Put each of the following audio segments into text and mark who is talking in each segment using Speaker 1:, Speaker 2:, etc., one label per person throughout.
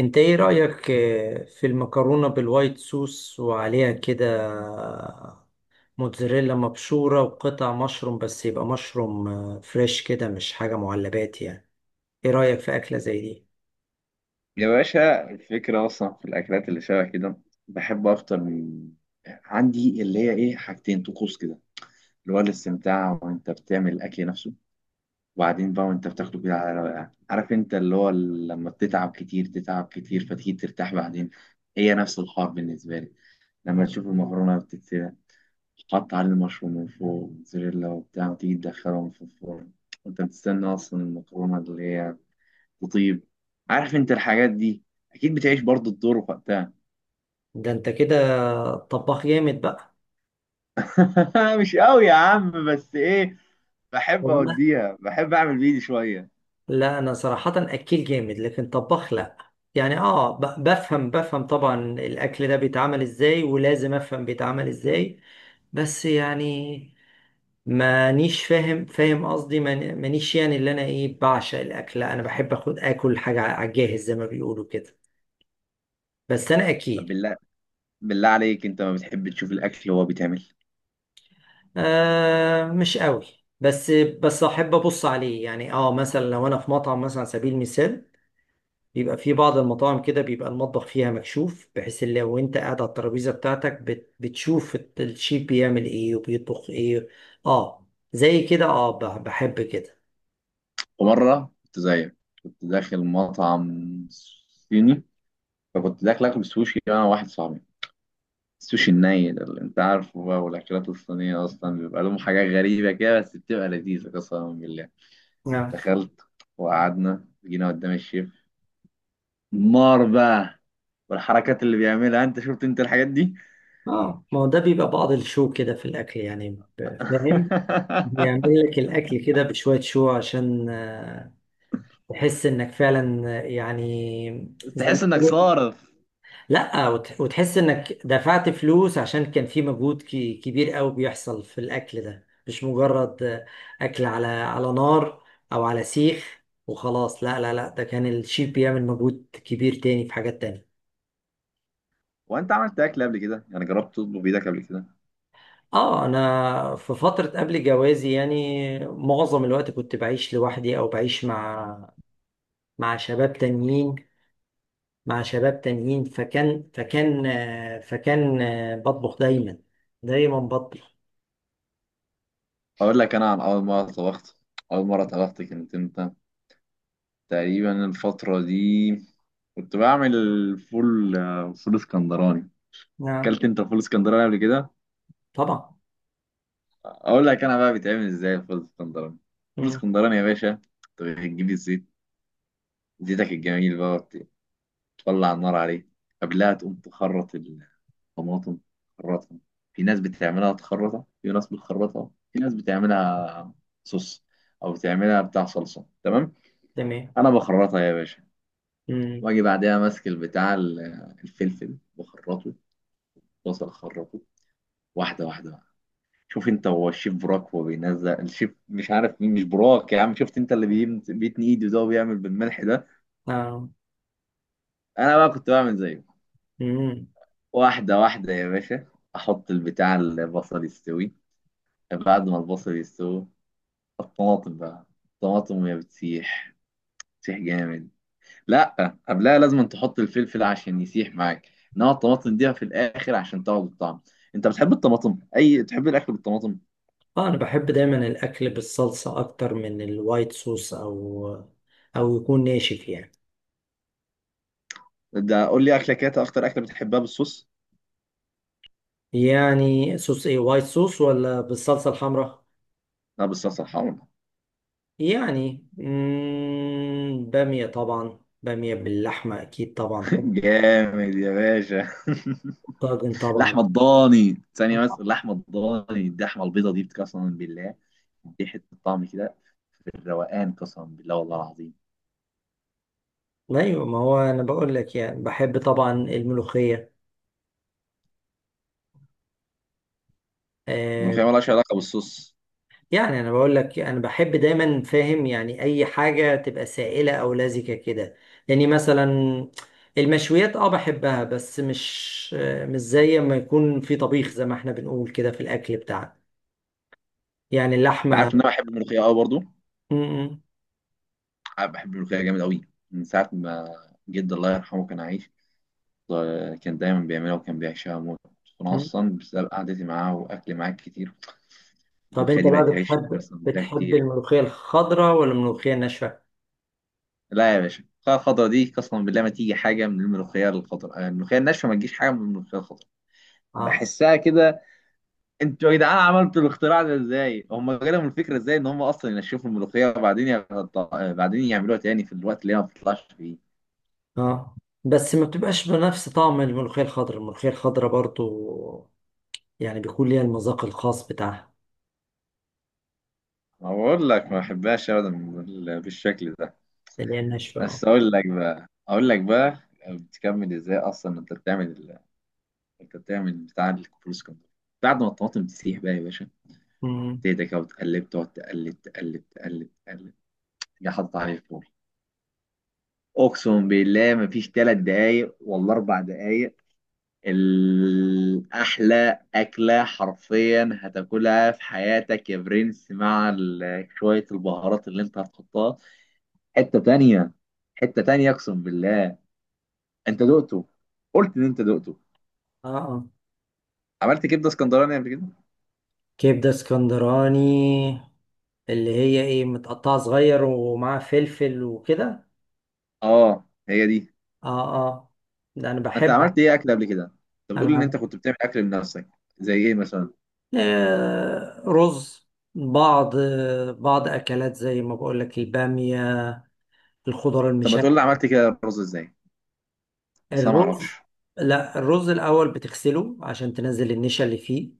Speaker 1: انت ايه رأيك في المكرونة بالوايت صوص، وعليها كده موتزاريلا مبشورة وقطع مشروم، بس يبقى مشروم فريش كده، مش حاجة معلبات يعني. ايه رأيك في أكلة زي دي؟
Speaker 2: يا باشا الفكرة أصلا في الأكلات اللي شبه كده، بحب أفطر من عندي اللي هي إيه، حاجتين طقوس كده، اللي هو الاستمتاع وأنت بتعمل الأكل نفسه، وبعدين بقى وأنت بتاخده كده على رواقة. عارف أنت اللي هو لما بتتعب كتير تتعب كتير فتيجي ترتاح بعدين. هي نفس الحوار بالنسبة لي. لما تشوف المكرونة بتتسلق، تحط عليه المشروم من فوق موتزاريلا وبتاع، وتيجي تدخلهم في الفرن وأنت بتستنى أصلا المكرونة اللي هي، وطيب، عارف انت الحاجات دي، اكيد بتعيش برضو الدور وقتها.
Speaker 1: ده انت كده طباخ جامد بقى.
Speaker 2: مش قوي يا عم بس ايه، بحب
Speaker 1: وانا
Speaker 2: اوديها، بحب اعمل بايدي شويه.
Speaker 1: لا، انا صراحة أكيل جامد، لكن طباخ لا. يعني بفهم طبعا الأكل ده بيتعمل ازاي، ولازم افهم بيتعمل ازاي، بس يعني مانيش فاهم فاهم، قصدي مانيش يعني اللي انا ايه بعشق الاكل. لا، انا بحب اخد اكل حاجه على الجاهز زي ما بيقولوا كده. بس انا
Speaker 2: طب
Speaker 1: اكيد
Speaker 2: بالله عليك، انت ما بتحب تشوف الاكل وهو بيتعمل؟
Speaker 1: مش قوي، بس احب ابص عليه. يعني مثلا لو انا في مطعم، مثلا على سبيل المثال، بيبقى في بعض المطاعم كده بيبقى المطبخ فيها مكشوف، بحيث إن لو انت قاعد على الترابيزه بتاعتك بتشوف الشيف بيعمل ايه وبيطبخ ايه. اه زي كده، بحب كده.
Speaker 2: ومره كنت زيك، كنت داخل مطعم صيني، فكنت داخل اكل سوشي انا واحد صاحبي. السوشي الني ده اللي انت عارفه بقى، والاكلات الصينيه اصلا بيبقى لهم حاجات غريبه كده بس بتبقى لذيذه قسما بالله. دخلت وقعدنا جينا قدام الشيف، نار بقى، والحركات اللي بيعملها، انت شفت انت الحاجات دي؟
Speaker 1: اه، ما هو ده بيبقى بعض الشو كده في الاكل يعني. فاهم، بيعمل لك الاكل كده بشويه شو، عشان تحس انك فعلا يعني زي ما
Speaker 2: تحس انك
Speaker 1: تقول.
Speaker 2: صارف.
Speaker 1: لا وتحس انك دفعت فلوس، عشان كان في مجهود كبير قوي بيحصل في الاكل ده، مش مجرد اكل على نار، او على سيخ وخلاص. لا لا لا، ده كان الشيف بيعمل مجهود كبير تاني في حاجات تانية.
Speaker 2: وانت عملت اكل قبل كده يعني؟ جربت تطبخ بايدك قبل كده؟
Speaker 1: اه، انا في فترة قبل جوازي، يعني معظم الوقت كنت بعيش لوحدي، او بعيش مع شباب تانيين، فكان بطبخ دايما، دايما بطبخ.
Speaker 2: اقول لك انا عن اول مره طبخت. اول مره طبخت كانت امتى؟ تقريبا الفتره دي، كنت بعمل فول، فول اسكندراني.
Speaker 1: نعم،
Speaker 2: اكلت انت فول اسكندراني قبل كده؟
Speaker 1: طبعا.
Speaker 2: اقول لك انا بقى بيتعمل ازاي الفول اسكندراني. فول
Speaker 1: مم.
Speaker 2: اسكندراني يا باشا، انت بتجيب الزيت، زيتك الجميل بقى، طلع النار عليه. قبلها تقوم تخرط الطماطم، تخرطها. في ناس بتعملها تخرطها، في ناس بتخرطها، في ناس بتعملها صوص، او بتعملها بتاع صلصه. تمام؟
Speaker 1: تمام.
Speaker 2: انا بخرطها يا باشا.
Speaker 1: مم.
Speaker 2: واجي بعدها ماسك البتاع الفلفل بخرطه، بصل اخرطه، واحده واحده بقى. شوف انت هو الشيف براك، هو بينزل الشيف مش عارف مين، مش براك يا عم، شفت انت اللي بيتني ايده ده وبيعمل بالملح ده؟
Speaker 1: آه.
Speaker 2: انا بقى كنت بعمل زيه،
Speaker 1: مم.
Speaker 2: واحده واحده يا باشا. احط البتاع البصل يستوي، بعد ما البصل يستوي الطماطم بقى. الطماطم وهي بتسيح، بتسيح جامد. لا، قبلها لازم تحط الفلفل عشان يسيح معاك، انما الطماطم دي في الاخر عشان تاخد الطعم. انت بتحب الطماطم؟ اي تحب الاكل بالطماطم؟
Speaker 1: اه انا بحب دايما الاكل بالصلصة اكتر من الوايت صوص، او يكون ناشف يعني.
Speaker 2: ده قول لي اكله كده، اكتر اكله بتحبها بالصوص.
Speaker 1: يعني صوص ايه، وايت صوص ولا بالصلصة الحمراء؟
Speaker 2: لا، بالصلصه الحمرا.
Speaker 1: يعني بامية طبعا، بامية باللحمة أكيد طبعا.
Speaker 2: جامد يا باشا.
Speaker 1: طاجن طبعا.
Speaker 2: لحمه الضاني ثانيه، بس اللحمه الضاني، اللحمه البيضه دي قسما بالله، دي حته طعم كده، الروقان قسما بالله والله العظيم.
Speaker 1: أيوة، ما هو أنا بقول لك يعني بحب طبعا الملوخية، آه.
Speaker 2: الملوخيه مالهاش علاقه بالصوص.
Speaker 1: يعني أنا بقول لك أنا بحب دايما، فاهم يعني، أي حاجة تبقى سائلة أو لزجة كده، يعني مثلا المشويات أه بحبها، بس مش مش زي ما يكون في طبيخ، زي ما إحنا بنقول كده في الأكل بتاعنا، يعني
Speaker 2: انت
Speaker 1: اللحمة.
Speaker 2: عارف ان انا بحب الملوخيه قوي برضو؟
Speaker 1: مم.
Speaker 2: عارف، بحب الملوخيه جامد قوي، من ساعه ما جد الله يرحمه كان عايش، كان دايما بيعملها وكان بيعشقها موت، انا
Speaker 1: مم.
Speaker 2: اصلا بسبب قعدتي معاه واكلي معاه كتير
Speaker 1: طب
Speaker 2: الملوخيه
Speaker 1: انت
Speaker 2: دي
Speaker 1: بقى
Speaker 2: بقت عيش
Speaker 1: بتحب
Speaker 2: قسما بالله
Speaker 1: بتحب
Speaker 2: كتير.
Speaker 1: الملوخية الخضراء ولا الملوخية الناشفة؟
Speaker 2: لا يا باشا، الملوخية الخضرا دي قسما بالله ما تيجي حاجه من الملوخيه الخضرا، الملوخيه الناشفه ما تجيش حاجه من الملوخيه الخضرا.
Speaker 1: اه
Speaker 2: بحسها كده. انتوا يا جدعان عملتوا الاختراع ده ازاي؟ هم جالهم الفكره ازاي ان هم اصلا ينشفوا الملوخيه وبعدين يغط... آه، بعدين يعملوها تاني في الوقت اللي هي ما بتطلعش فيه؟
Speaker 1: اه، بس ما بتبقاش بنفس طعم الملوخية الخضراء، الملوخية الخضراء برضو يعني بيكون ليها المذاق الخاص بتاعها.
Speaker 2: أقول لك ما بحبهاش أبدا بالشكل ده.
Speaker 1: اللي هي الناشفة، اه.
Speaker 2: بس أقول لك بقى أقول لك بقى، بتكمل إزاي أصلا أنت بتعمل ال-؟ أنت بتعمل بتاع الكفر اسكندر. بعد ما الطماطم تسيح بقى يا باشا،
Speaker 1: مم.
Speaker 2: تهدى كده وتقلب، تقعد تقلب تقلب تقلب تقلب، تيجي حاطط عليه الفول. أقسم بالله مفيش 3 دقايق ولا 4 دقايق، الأحلى أكلة حرفيا هتاكلها في حياتك يا برنس، مع شوية البهارات اللي أنت هتحطها. حته تانية، حته تانية اقسم بالله. انت دقته؟ قلت ان انت دقته.
Speaker 1: اه اه.
Speaker 2: عملت كبده اسكندراني قبل كده؟
Speaker 1: كبدة اسكندراني، اللي هي ايه متقطعة صغير ومعاها فلفل وكده.
Speaker 2: اه هي دي.
Speaker 1: اه اه، ده انا
Speaker 2: انت
Speaker 1: بحبها.
Speaker 2: عملت ايه اكل قبل كده؟ انت
Speaker 1: انا
Speaker 2: بتقول ان انت
Speaker 1: بعملها.
Speaker 2: كنت بتعمل اكل لنفسك، زي ايه مثلا؟
Speaker 1: رز، بعض بعض اكلات زي ما بقول لك، البامية، الخضار
Speaker 2: طب ما
Speaker 1: المشا.
Speaker 2: تقول لي، عملت كده رز ازاي؟ اصلا ما
Speaker 1: الرز،
Speaker 2: اعرفش.
Speaker 1: لا، الرز الأول بتغسله عشان تنزل النشا اللي فيه،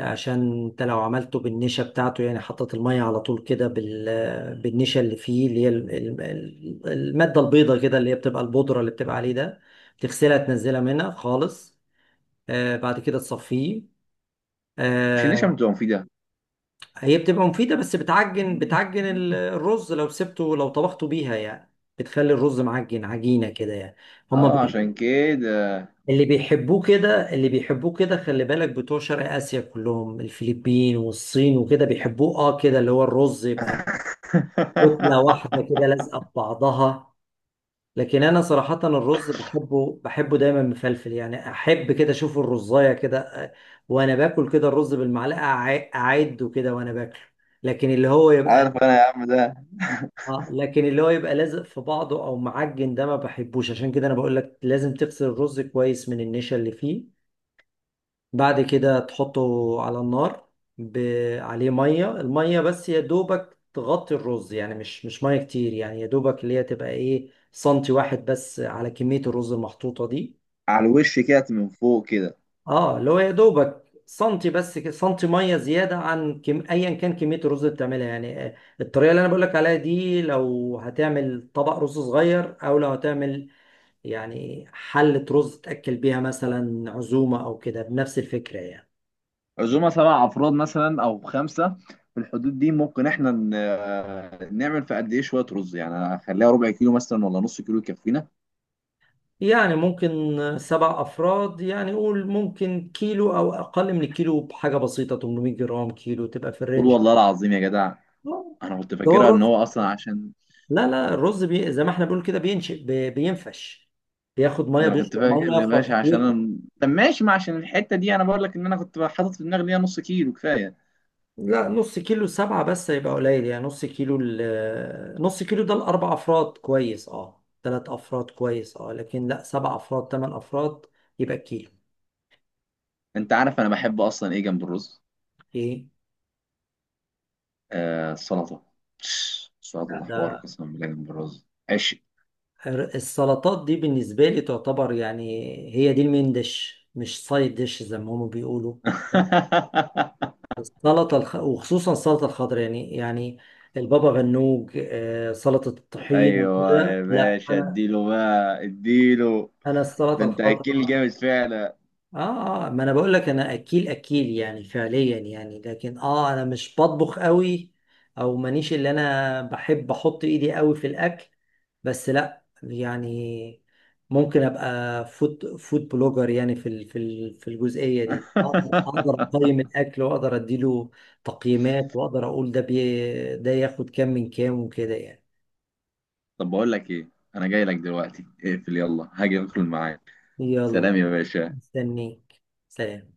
Speaker 1: عشان انت لو عملته بالنشا بتاعته، يعني حطت المية على طول كده بالنشا اللي فيه، اللي هي المادة البيضة كده، اللي هي بتبقى البودرة اللي بتبقى عليه ده، تغسلها تنزلها منها خالص، آه. بعد كده تصفيه،
Speaker 2: مش النشا
Speaker 1: آه.
Speaker 2: بتبقى مفيده؟
Speaker 1: هي بتبقى مفيدة، بس بتعجن الرز لو سبته، لو طبخته بيها يعني، بتخلي الرز معجن عجينة كده يعني. هما
Speaker 2: اه عشان كده.
Speaker 1: اللي بيحبوه كده، اللي بيحبوه كده، خلي بالك، بتوع شرق آسيا كلهم، الفلبين والصين وكده، بيحبوه اه كده، اللي هو الرز يبقى كتلة واحدة كده لازقة في بعضها. لكن انا صراحة الرز بحبه دايما مفلفل يعني، احب كده اشوف الرزاية كده، آه، وانا باكل كده الرز بالمعلقة، اعده كده وانا باكله. لكن اللي هو يبقى،
Speaker 2: عارف انا يا عم ده.
Speaker 1: اه، لكن اللي هو يبقى لازق في بعضه او معجن، ده ما بحبوش. عشان كده انا بقول لك لازم تغسل الرز كويس من النشا اللي فيه، بعد كده تحطه على النار، ب... عليه ميه، الميه بس يا دوبك تغطي الرز، يعني مش ميه كتير يعني، يا دوبك اللي هي تبقى ايه سنتي واحد بس على كميه الرز المحطوطه دي.
Speaker 2: على الوش كده من فوق كده؟
Speaker 1: اه اللي هو يا دوبك سنتي بس كده، سنتي ميه زياده عن ايا كان كميه الرز اللي بتعملها يعني. الطريقه اللي انا بقول لك عليها دي، لو هتعمل طبق رز صغير، او لو هتعمل يعني حله رز تاكل بيها مثلا عزومه او كده، بنفس الفكره يعني.
Speaker 2: عزومه 7 افراد مثلا او 5، في الحدود دي ممكن احنا نعمل في قد ايه شويه رز؟ يعني اخليها ربع كيلو مثلا ولا نص كيلو يكفينا؟
Speaker 1: يعني ممكن سبع أفراد، يعني قول ممكن كيلو أو أقل من الكيلو بحاجة بسيطة، 800 جرام، كيلو، تبقى في
Speaker 2: قول
Speaker 1: الرينج.
Speaker 2: والله العظيم يا جدع.
Speaker 1: آه.
Speaker 2: انا كنت
Speaker 1: ده هو
Speaker 2: فاكرها ان
Speaker 1: الرز،
Speaker 2: هو اصلا عشان،
Speaker 1: لا لا، الرز زي ما احنا بنقول كده بينشئ، بينفش، بياخد مية،
Speaker 2: ده انا كنت
Speaker 1: بيشرب
Speaker 2: فاكر
Speaker 1: مية،
Speaker 2: يا
Speaker 1: ف-
Speaker 2: باشا عشان
Speaker 1: فبيكبر
Speaker 2: أنا... طب ماشي، ما عشان الحته دي انا بقول لك ان انا كنت حاطط في دماغي ان هي نص كيلو كفايه.
Speaker 1: لا، نص كيلو سبعة بس يبقى قليل، يعني نص كيلو نص كيلو ده لأربع أفراد كويس، اه، ثلاث أفراد كويس اه، لكن لا، سبع أفراد، ثمان أفراد، يبقى كيلو.
Speaker 2: انت عارف انا بحب اصلا ايه جنب الرز؟
Speaker 1: ايه؟
Speaker 2: آه، السلطه.
Speaker 1: لا،
Speaker 2: السلطه ده حوار
Speaker 1: ده
Speaker 2: قسما بالله، جنب الرز عشق.
Speaker 1: السلطات دي بالنسبة لي تعتبر يعني هي دي المين ديش، مش سايد ديش، زي ما هم بيقولوا. لا، السلطة وخصوصا السلطة الخضراء، يعني، يعني البابا غنوج، سلطة الطحين
Speaker 2: ايوه يا
Speaker 1: كده، لا
Speaker 2: باشا،
Speaker 1: أنا،
Speaker 2: اديله بقى اديله.
Speaker 1: أنا السلطة
Speaker 2: ده انت اكيل
Speaker 1: الخضراء.
Speaker 2: جامد فعلا.
Speaker 1: آه آه، ما أنا بقول لك أنا أكيل أكيل يعني، فعليا يعني، لكن آه أنا مش بطبخ قوي، أو مانيش اللي أنا بحب أحط إيدي قوي في الأكل. بس لا يعني، ممكن ابقى فود بلوجر يعني، في في الجزئيه دي اقدر، أقدر اقيم الاكل، واقدر اديله تقييمات، واقدر اقول ده بي ده ياخد كام من كام وكده يعني.
Speaker 2: طب بقول لك ايه، انا جاي لك دلوقتي، اقفل يلا هاجي ادخل معاك.
Speaker 1: يلا،
Speaker 2: سلام يا باشا.
Speaker 1: مستنيك. سلام.